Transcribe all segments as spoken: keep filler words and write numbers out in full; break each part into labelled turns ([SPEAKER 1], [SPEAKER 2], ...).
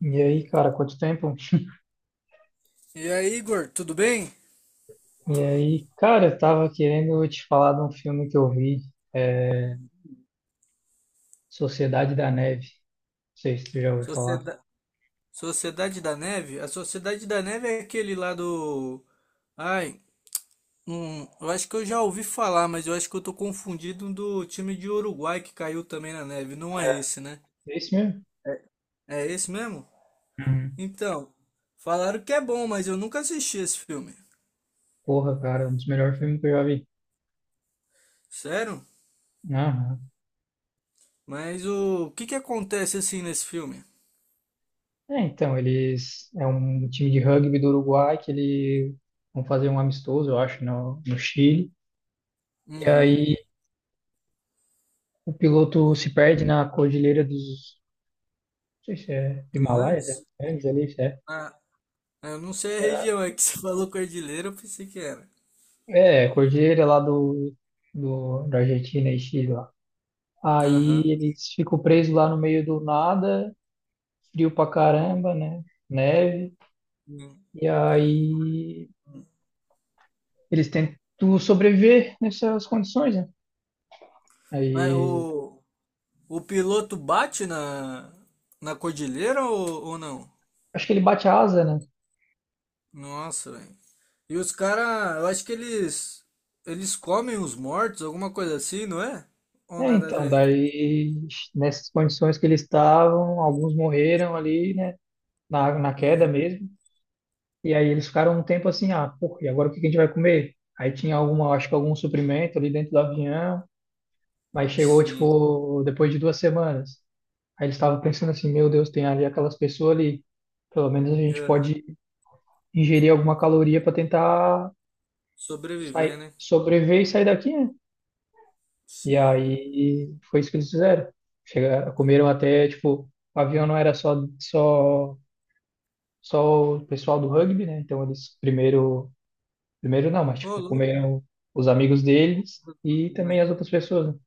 [SPEAKER 1] E aí, cara, quanto tempo?
[SPEAKER 2] E aí, Igor, tudo bem?
[SPEAKER 1] E aí, cara, eu tava querendo te falar de um filme que eu vi, é, Sociedade da Neve. Não sei se tu já ouviu falar.
[SPEAKER 2] Socieda- Sociedade da Neve? A Sociedade da Neve é aquele lá do. Ai, hum, eu acho que eu já ouvi falar, mas eu acho que eu tô confundido um do time de Uruguai que caiu também na neve. Não
[SPEAKER 1] É.
[SPEAKER 2] é esse, né?
[SPEAKER 1] É esse mesmo?
[SPEAKER 2] É esse mesmo?
[SPEAKER 1] Uhum.
[SPEAKER 2] Então, falaram que é bom, mas eu nunca assisti esse filme.
[SPEAKER 1] Porra, cara, um dos melhores filmes que eu já vi.
[SPEAKER 2] Sério?
[SPEAKER 1] Aham.
[SPEAKER 2] Mas o que que acontece assim nesse filme?
[SPEAKER 1] É, então, eles... É um time de rugby do Uruguai que eles vão fazer um amistoso, eu acho, no, no Chile. E
[SPEAKER 2] Uhum.
[SPEAKER 1] aí, o piloto se perde na cordilheira dos... Não sei se é
[SPEAKER 2] Dos
[SPEAKER 1] Himalaia,
[SPEAKER 2] Andes?
[SPEAKER 1] né? Andes ali, se
[SPEAKER 2] Ah, eu não sei a
[SPEAKER 1] é.
[SPEAKER 2] região, é que você falou cordilheira, eu pensei que era.
[SPEAKER 1] É, Cordilheira lá do, do, da Argentina e Chile lá. Aí
[SPEAKER 2] Aham.
[SPEAKER 1] eles ficam presos lá no meio do nada, frio pra caramba, né? Neve.
[SPEAKER 2] Hum.
[SPEAKER 1] E aí eles tentam sobreviver nessas condições, né?
[SPEAKER 2] Mas
[SPEAKER 1] Aí
[SPEAKER 2] o, o piloto bate na, na cordilheira ou, ou não?
[SPEAKER 1] acho que ele bate a asa, né?
[SPEAKER 2] Nossa, velho. E os caras, eu acho que eles eles comem os mortos, alguma coisa assim, não é? Ou
[SPEAKER 1] É,
[SPEAKER 2] nada a
[SPEAKER 1] então,
[SPEAKER 2] ver?
[SPEAKER 1] daí nessas condições que eles estavam, alguns morreram ali, né? Na, na queda
[SPEAKER 2] Uhum.
[SPEAKER 1] mesmo. E aí eles ficaram um tempo assim, ah, pô, e agora o que que a gente vai comer? Aí tinha alguma, acho que algum suprimento ali dentro do avião. Aí chegou,
[SPEAKER 2] Sim.
[SPEAKER 1] tipo, depois de duas semanas. Aí eles estavam pensando assim, meu Deus, tem ali aquelas pessoas ali. Pelo menos a gente
[SPEAKER 2] É.
[SPEAKER 1] pode ingerir alguma caloria para tentar sair,
[SPEAKER 2] Sobreviver, né?
[SPEAKER 1] sobreviver e sair daqui, né? E
[SPEAKER 2] Sim.
[SPEAKER 1] aí foi isso que eles fizeram. Chegaram, comeram até, tipo, o avião não era só, só, só o pessoal do rugby, né? Então eles primeiro, primeiro não, mas
[SPEAKER 2] Ô,
[SPEAKER 1] tipo,
[SPEAKER 2] louco,
[SPEAKER 1] comeram os amigos deles e também
[SPEAKER 2] né?
[SPEAKER 1] as outras pessoas. Né?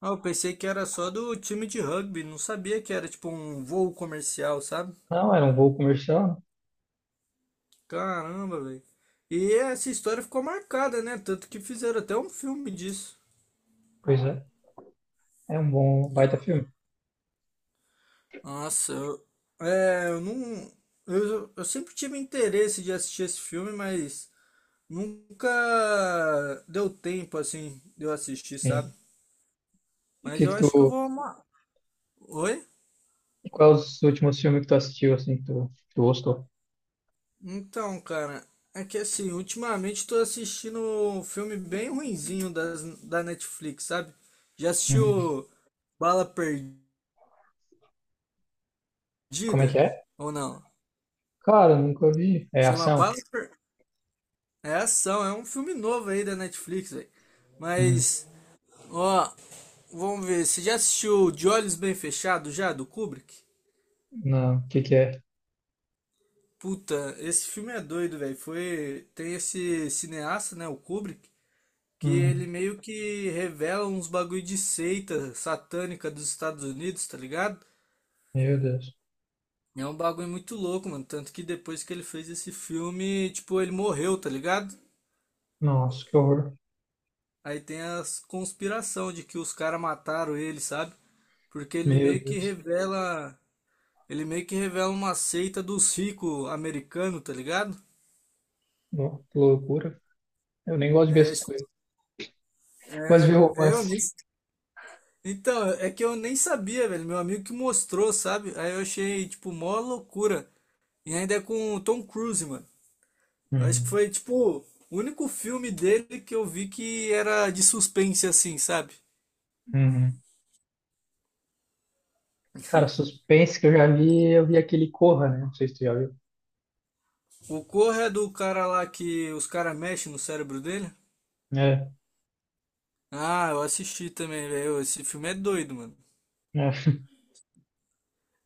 [SPEAKER 2] Ah, eu pensei que era só do time de rugby, não sabia que era tipo um voo comercial, sabe?
[SPEAKER 1] Não, era um voo comercial, né?
[SPEAKER 2] Caramba, velho. E essa história ficou marcada, né? Tanto que fizeram até um filme disso.
[SPEAKER 1] Pois é, é um bom baita filme.
[SPEAKER 2] Nossa, eu, é, eu não. Eu, eu sempre tive interesse de assistir esse filme, mas nunca deu tempo assim de eu assistir, sabe?
[SPEAKER 1] E o
[SPEAKER 2] Mas
[SPEAKER 1] que
[SPEAKER 2] eu
[SPEAKER 1] que tu,
[SPEAKER 2] acho que eu vou amar. Oi?
[SPEAKER 1] e quais os últimos filmes que tu assistiu, assim, que tu, que tu gostou?
[SPEAKER 2] Então, cara, é que assim, ultimamente tô assistindo um filme bem ruinzinho das, da Netflix, sabe? Já
[SPEAKER 1] Uhum.
[SPEAKER 2] assistiu Bala Perdida?
[SPEAKER 1] Como é que é?
[SPEAKER 2] Ou não?
[SPEAKER 1] Cara, nunca vi. É
[SPEAKER 2] Chama
[SPEAKER 1] ação?
[SPEAKER 2] Bala Per... É ação, é um filme novo aí da Netflix, velho.
[SPEAKER 1] Uhum.
[SPEAKER 2] Mas. Ó, vamos ver. Você já assistiu De Olhos Bem Fechados já, do Kubrick?
[SPEAKER 1] Não, o que que é?
[SPEAKER 2] Puta, esse filme é doido, velho. Foi. Tem esse cineasta, né? O Kubrick, que
[SPEAKER 1] Hum.
[SPEAKER 2] ele meio que revela uns bagulho de seita satânica dos Estados Unidos, tá ligado?
[SPEAKER 1] Meu Deus.
[SPEAKER 2] É um bagulho muito louco, mano. Tanto que depois que ele fez esse filme, tipo, ele morreu, tá ligado?
[SPEAKER 1] Nossa, que horror.
[SPEAKER 2] Aí tem as conspiração de que os caras mataram ele, sabe? Porque ele
[SPEAKER 1] Meu
[SPEAKER 2] meio que
[SPEAKER 1] Deus.
[SPEAKER 2] revela. Ele meio que revela uma seita dos ricos americanos, tá ligado?
[SPEAKER 1] No- que loucura. Eu nem gosto de ver
[SPEAKER 2] É,
[SPEAKER 1] essas coisas. Gosto de
[SPEAKER 2] é,
[SPEAKER 1] ver
[SPEAKER 2] é, eu
[SPEAKER 1] romance.
[SPEAKER 2] nem. Então, é que eu nem sabia, velho. Meu amigo que mostrou, sabe? Aí eu achei, tipo, mó loucura. E ainda é com o Tom Cruise, mano. Eu acho que
[SPEAKER 1] Uhum.
[SPEAKER 2] foi, tipo, o único filme dele que eu vi que era de suspense, assim, sabe?
[SPEAKER 1] Uhum. Cara, suspense que eu já vi, eu vi aquele Corra, né? Não sei se tu já viu.
[SPEAKER 2] O Corra é do cara lá que os caras mexem no cérebro dele.
[SPEAKER 1] É,
[SPEAKER 2] Ah, eu assisti também, velho. Esse filme é doido, mano.
[SPEAKER 1] é.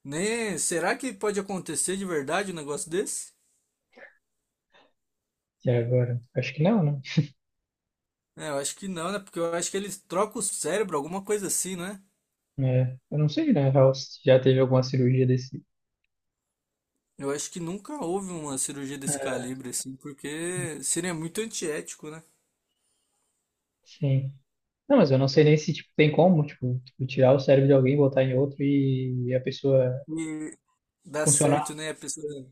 [SPEAKER 2] Nem... Será que pode acontecer de verdade um negócio desse?
[SPEAKER 1] E agora? Acho que não, né?
[SPEAKER 2] É, eu acho que não, né? Porque eu acho que eles trocam o cérebro, alguma coisa assim, né?
[SPEAKER 1] É, eu não sei, né? Já, já teve alguma cirurgia desse.
[SPEAKER 2] Eu acho que nunca houve uma cirurgia desse
[SPEAKER 1] É.
[SPEAKER 2] calibre, assim, porque seria muito antiético, né?
[SPEAKER 1] Sim. Não, mas eu não sei nem se tipo, tem como, tipo, tu tirar o cérebro de alguém, botar em outro e a pessoa
[SPEAKER 2] E dá
[SPEAKER 1] funcionar,
[SPEAKER 2] certo, né? A pessoa.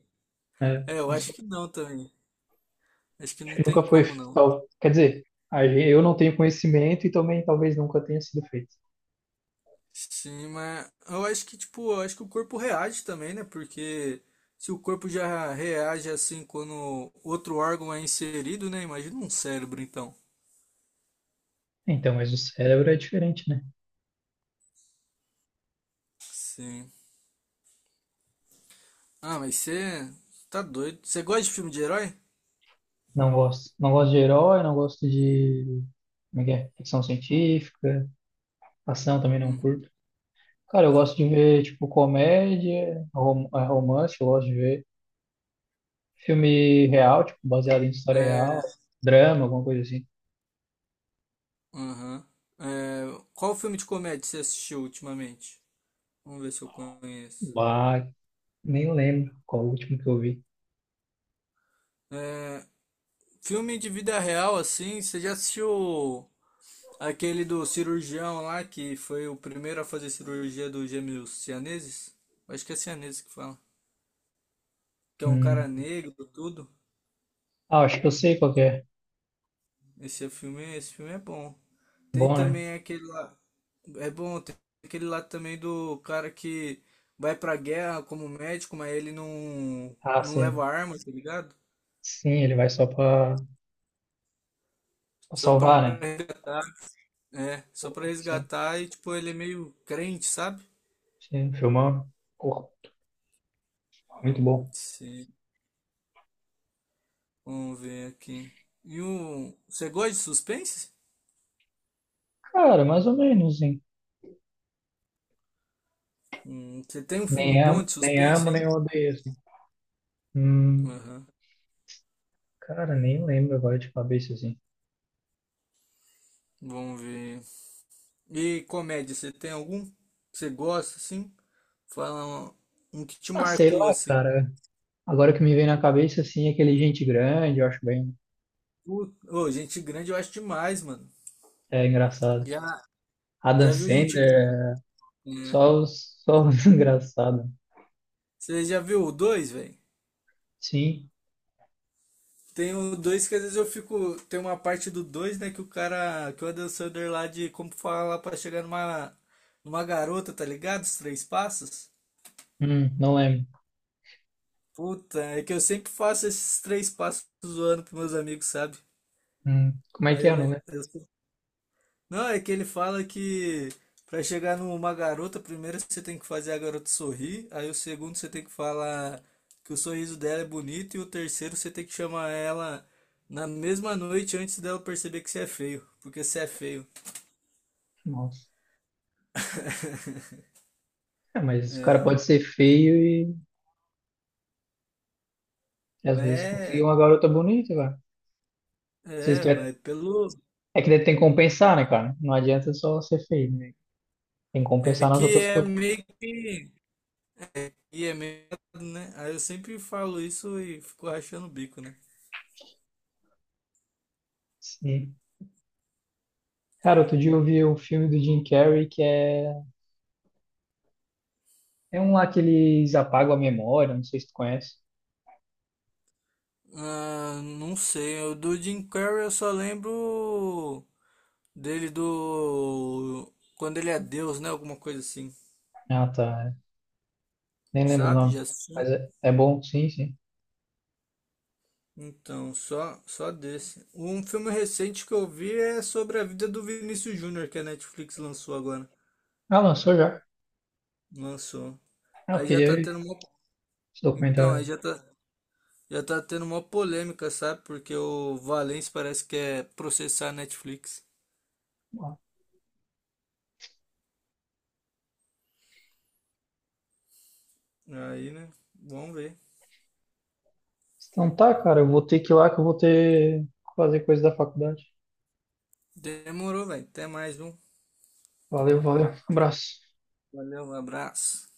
[SPEAKER 1] né?
[SPEAKER 2] É, eu
[SPEAKER 1] Não
[SPEAKER 2] acho
[SPEAKER 1] sei.
[SPEAKER 2] que não também. Acho que
[SPEAKER 1] Acho
[SPEAKER 2] não
[SPEAKER 1] que
[SPEAKER 2] tem
[SPEAKER 1] nunca foi
[SPEAKER 2] como, não.
[SPEAKER 1] tal. Quer dizer, a gen- eu não tenho conhecimento e também talvez nunca tenha sido feito.
[SPEAKER 2] Sim, mas eu acho que, tipo, eu acho que o corpo reage também, né? Porque se o corpo já reage assim quando outro órgão é inserido, né? Imagina um cérebro, então.
[SPEAKER 1] Então, mas o cérebro é diferente, né?
[SPEAKER 2] Sim. Ah, mas você tá doido. Você gosta de filme de herói?
[SPEAKER 1] Não gosto. Não gosto de herói, não gosto de. Como é que é? Ficção científica, ação também não
[SPEAKER 2] Uhum.
[SPEAKER 1] curto. Cara, eu gosto de ver, tipo, comédia, rom- eh, romance, eu gosto de ver filme real, tipo, baseado em história real,
[SPEAKER 2] É,
[SPEAKER 1] drama, alguma coisa assim.
[SPEAKER 2] aham. É, qual filme de comédia você assistiu ultimamente? Vamos ver se eu conheço.
[SPEAKER 1] Bah, nem lembro qual o último que eu vi.
[SPEAKER 2] É, filme de vida real, assim, você já assistiu aquele do cirurgião lá que foi o primeiro a fazer cirurgia dos gêmeos cianeses? Acho que é cianeses que fala. Que é um cara
[SPEAKER 1] Hum.
[SPEAKER 2] negro, tudo.
[SPEAKER 1] Ah, acho que eu sei qual que é.
[SPEAKER 2] Esse é filme, esse filme é bom. Tem
[SPEAKER 1] Bom, né?
[SPEAKER 2] também aquele lá. É bom, tem aquele lá também do cara que vai pra guerra como médico, mas ele não,
[SPEAKER 1] Ah,
[SPEAKER 2] não
[SPEAKER 1] sim.
[SPEAKER 2] leva arma, tá ligado?
[SPEAKER 1] Sim, ele vai só pra, pra
[SPEAKER 2] Só pra,
[SPEAKER 1] salvar, né?
[SPEAKER 2] é, só pra
[SPEAKER 1] Pô, sim,
[SPEAKER 2] resgatar e, tipo, ele é meio crente, sabe?
[SPEAKER 1] sim, filmão. Pô, muito bom.
[SPEAKER 2] Sim. Vamos ver aqui. E o. Você gosta de suspense?
[SPEAKER 1] Cara, mais ou menos, sim.
[SPEAKER 2] Hum, você tem um
[SPEAKER 1] Nem
[SPEAKER 2] filme bom
[SPEAKER 1] amo,
[SPEAKER 2] de
[SPEAKER 1] nem
[SPEAKER 2] suspense,
[SPEAKER 1] amo,
[SPEAKER 2] hein?
[SPEAKER 1] nem odeio, assim. Hum,
[SPEAKER 2] Aham.
[SPEAKER 1] cara, nem lembro agora de cabeça, assim.
[SPEAKER 2] Vamos ver. E comédia, você tem algum? Que Você gosta, assim? Fala um, um que te
[SPEAKER 1] Ah, sei
[SPEAKER 2] marcou
[SPEAKER 1] lá,
[SPEAKER 2] assim.
[SPEAKER 1] cara. Agora que me vem na cabeça, assim, aquele Gente Grande, eu acho bem
[SPEAKER 2] Ô, ô, gente grande eu acho demais, mano.
[SPEAKER 1] é, engraçado.
[SPEAKER 2] Já,
[SPEAKER 1] Adam
[SPEAKER 2] já viu gente grande?
[SPEAKER 1] Sandler,
[SPEAKER 2] É.
[SPEAKER 1] só os, só os engraçados.
[SPEAKER 2] Você já viu o dois, velho?
[SPEAKER 1] Sim,
[SPEAKER 2] Tem o dois que às vezes eu fico. Tem uma parte do dois né? Que o cara. Que o Adam Sandler lá de como falar pra chegar numa, numa garota, tá ligado? Os três passos.
[SPEAKER 1] hum, não lembro.
[SPEAKER 2] Puta, é que eu sempre faço esses três passos zoando pros meus amigos, sabe?
[SPEAKER 1] Hum, como é
[SPEAKER 2] Aí
[SPEAKER 1] que
[SPEAKER 2] eu,
[SPEAKER 1] é, não
[SPEAKER 2] le-
[SPEAKER 1] é?
[SPEAKER 2] eu Não, é que ele fala que pra chegar numa garota, primeiro você tem que fazer a garota sorrir, aí o segundo você tem que falar que o sorriso dela é bonito, e o terceiro você tem que chamar ela na mesma noite antes dela perceber que você é feio, porque você é feio.
[SPEAKER 1] Nossa. É, mas o cara pode ser feio e às
[SPEAKER 2] Mas
[SPEAKER 1] vezes conseguir
[SPEAKER 2] é,
[SPEAKER 1] uma garota bonita, cara. Se isso
[SPEAKER 2] é,
[SPEAKER 1] é,
[SPEAKER 2] mas pelo.
[SPEAKER 1] é que daí tem que compensar, né, cara? Não adianta só ser feio. Tem que
[SPEAKER 2] É
[SPEAKER 1] compensar nas
[SPEAKER 2] que
[SPEAKER 1] outras
[SPEAKER 2] é
[SPEAKER 1] coisas.
[SPEAKER 2] meio que. É, que é meio, né? Aí eu sempre falo isso e fico rachando o bico, né?
[SPEAKER 1] Sim. Cara, outro dia eu vi o filme do Jim Carrey que é. É um lá que eles apagam a memória, não sei se tu conhece.
[SPEAKER 2] Ah, não sei, o do Jim Carrey eu só lembro. Dele do. Quando ele é Deus, né? Alguma coisa assim.
[SPEAKER 1] Ah, tá. Nem lembro o
[SPEAKER 2] Sabe?
[SPEAKER 1] nome.
[SPEAKER 2] Já assistiu?
[SPEAKER 1] Mas é, é bom, sim, sim.
[SPEAKER 2] Então, só, só desse. Um filme recente que eu vi é sobre a vida do Vinícius Júnior, que a Netflix lançou agora.
[SPEAKER 1] Ah, lançou já.
[SPEAKER 2] Lançou.
[SPEAKER 1] Ah, eu
[SPEAKER 2] Aí já
[SPEAKER 1] queria
[SPEAKER 2] tá
[SPEAKER 1] ver
[SPEAKER 2] tendo uma.
[SPEAKER 1] esse
[SPEAKER 2] Então,
[SPEAKER 1] documentário.
[SPEAKER 2] aí já tá. Já tá tendo uma polêmica, sabe? Porque o Valência parece que é processar a Netflix.
[SPEAKER 1] Ah,
[SPEAKER 2] Aí, né? Vamos ver.
[SPEAKER 1] então tá, cara, eu vou ter que ir lá que eu vou ter que fazer coisa da faculdade.
[SPEAKER 2] Demorou, velho. Até mais, um.
[SPEAKER 1] Valeu, valeu. Abraço.
[SPEAKER 2] Valeu, um abraço.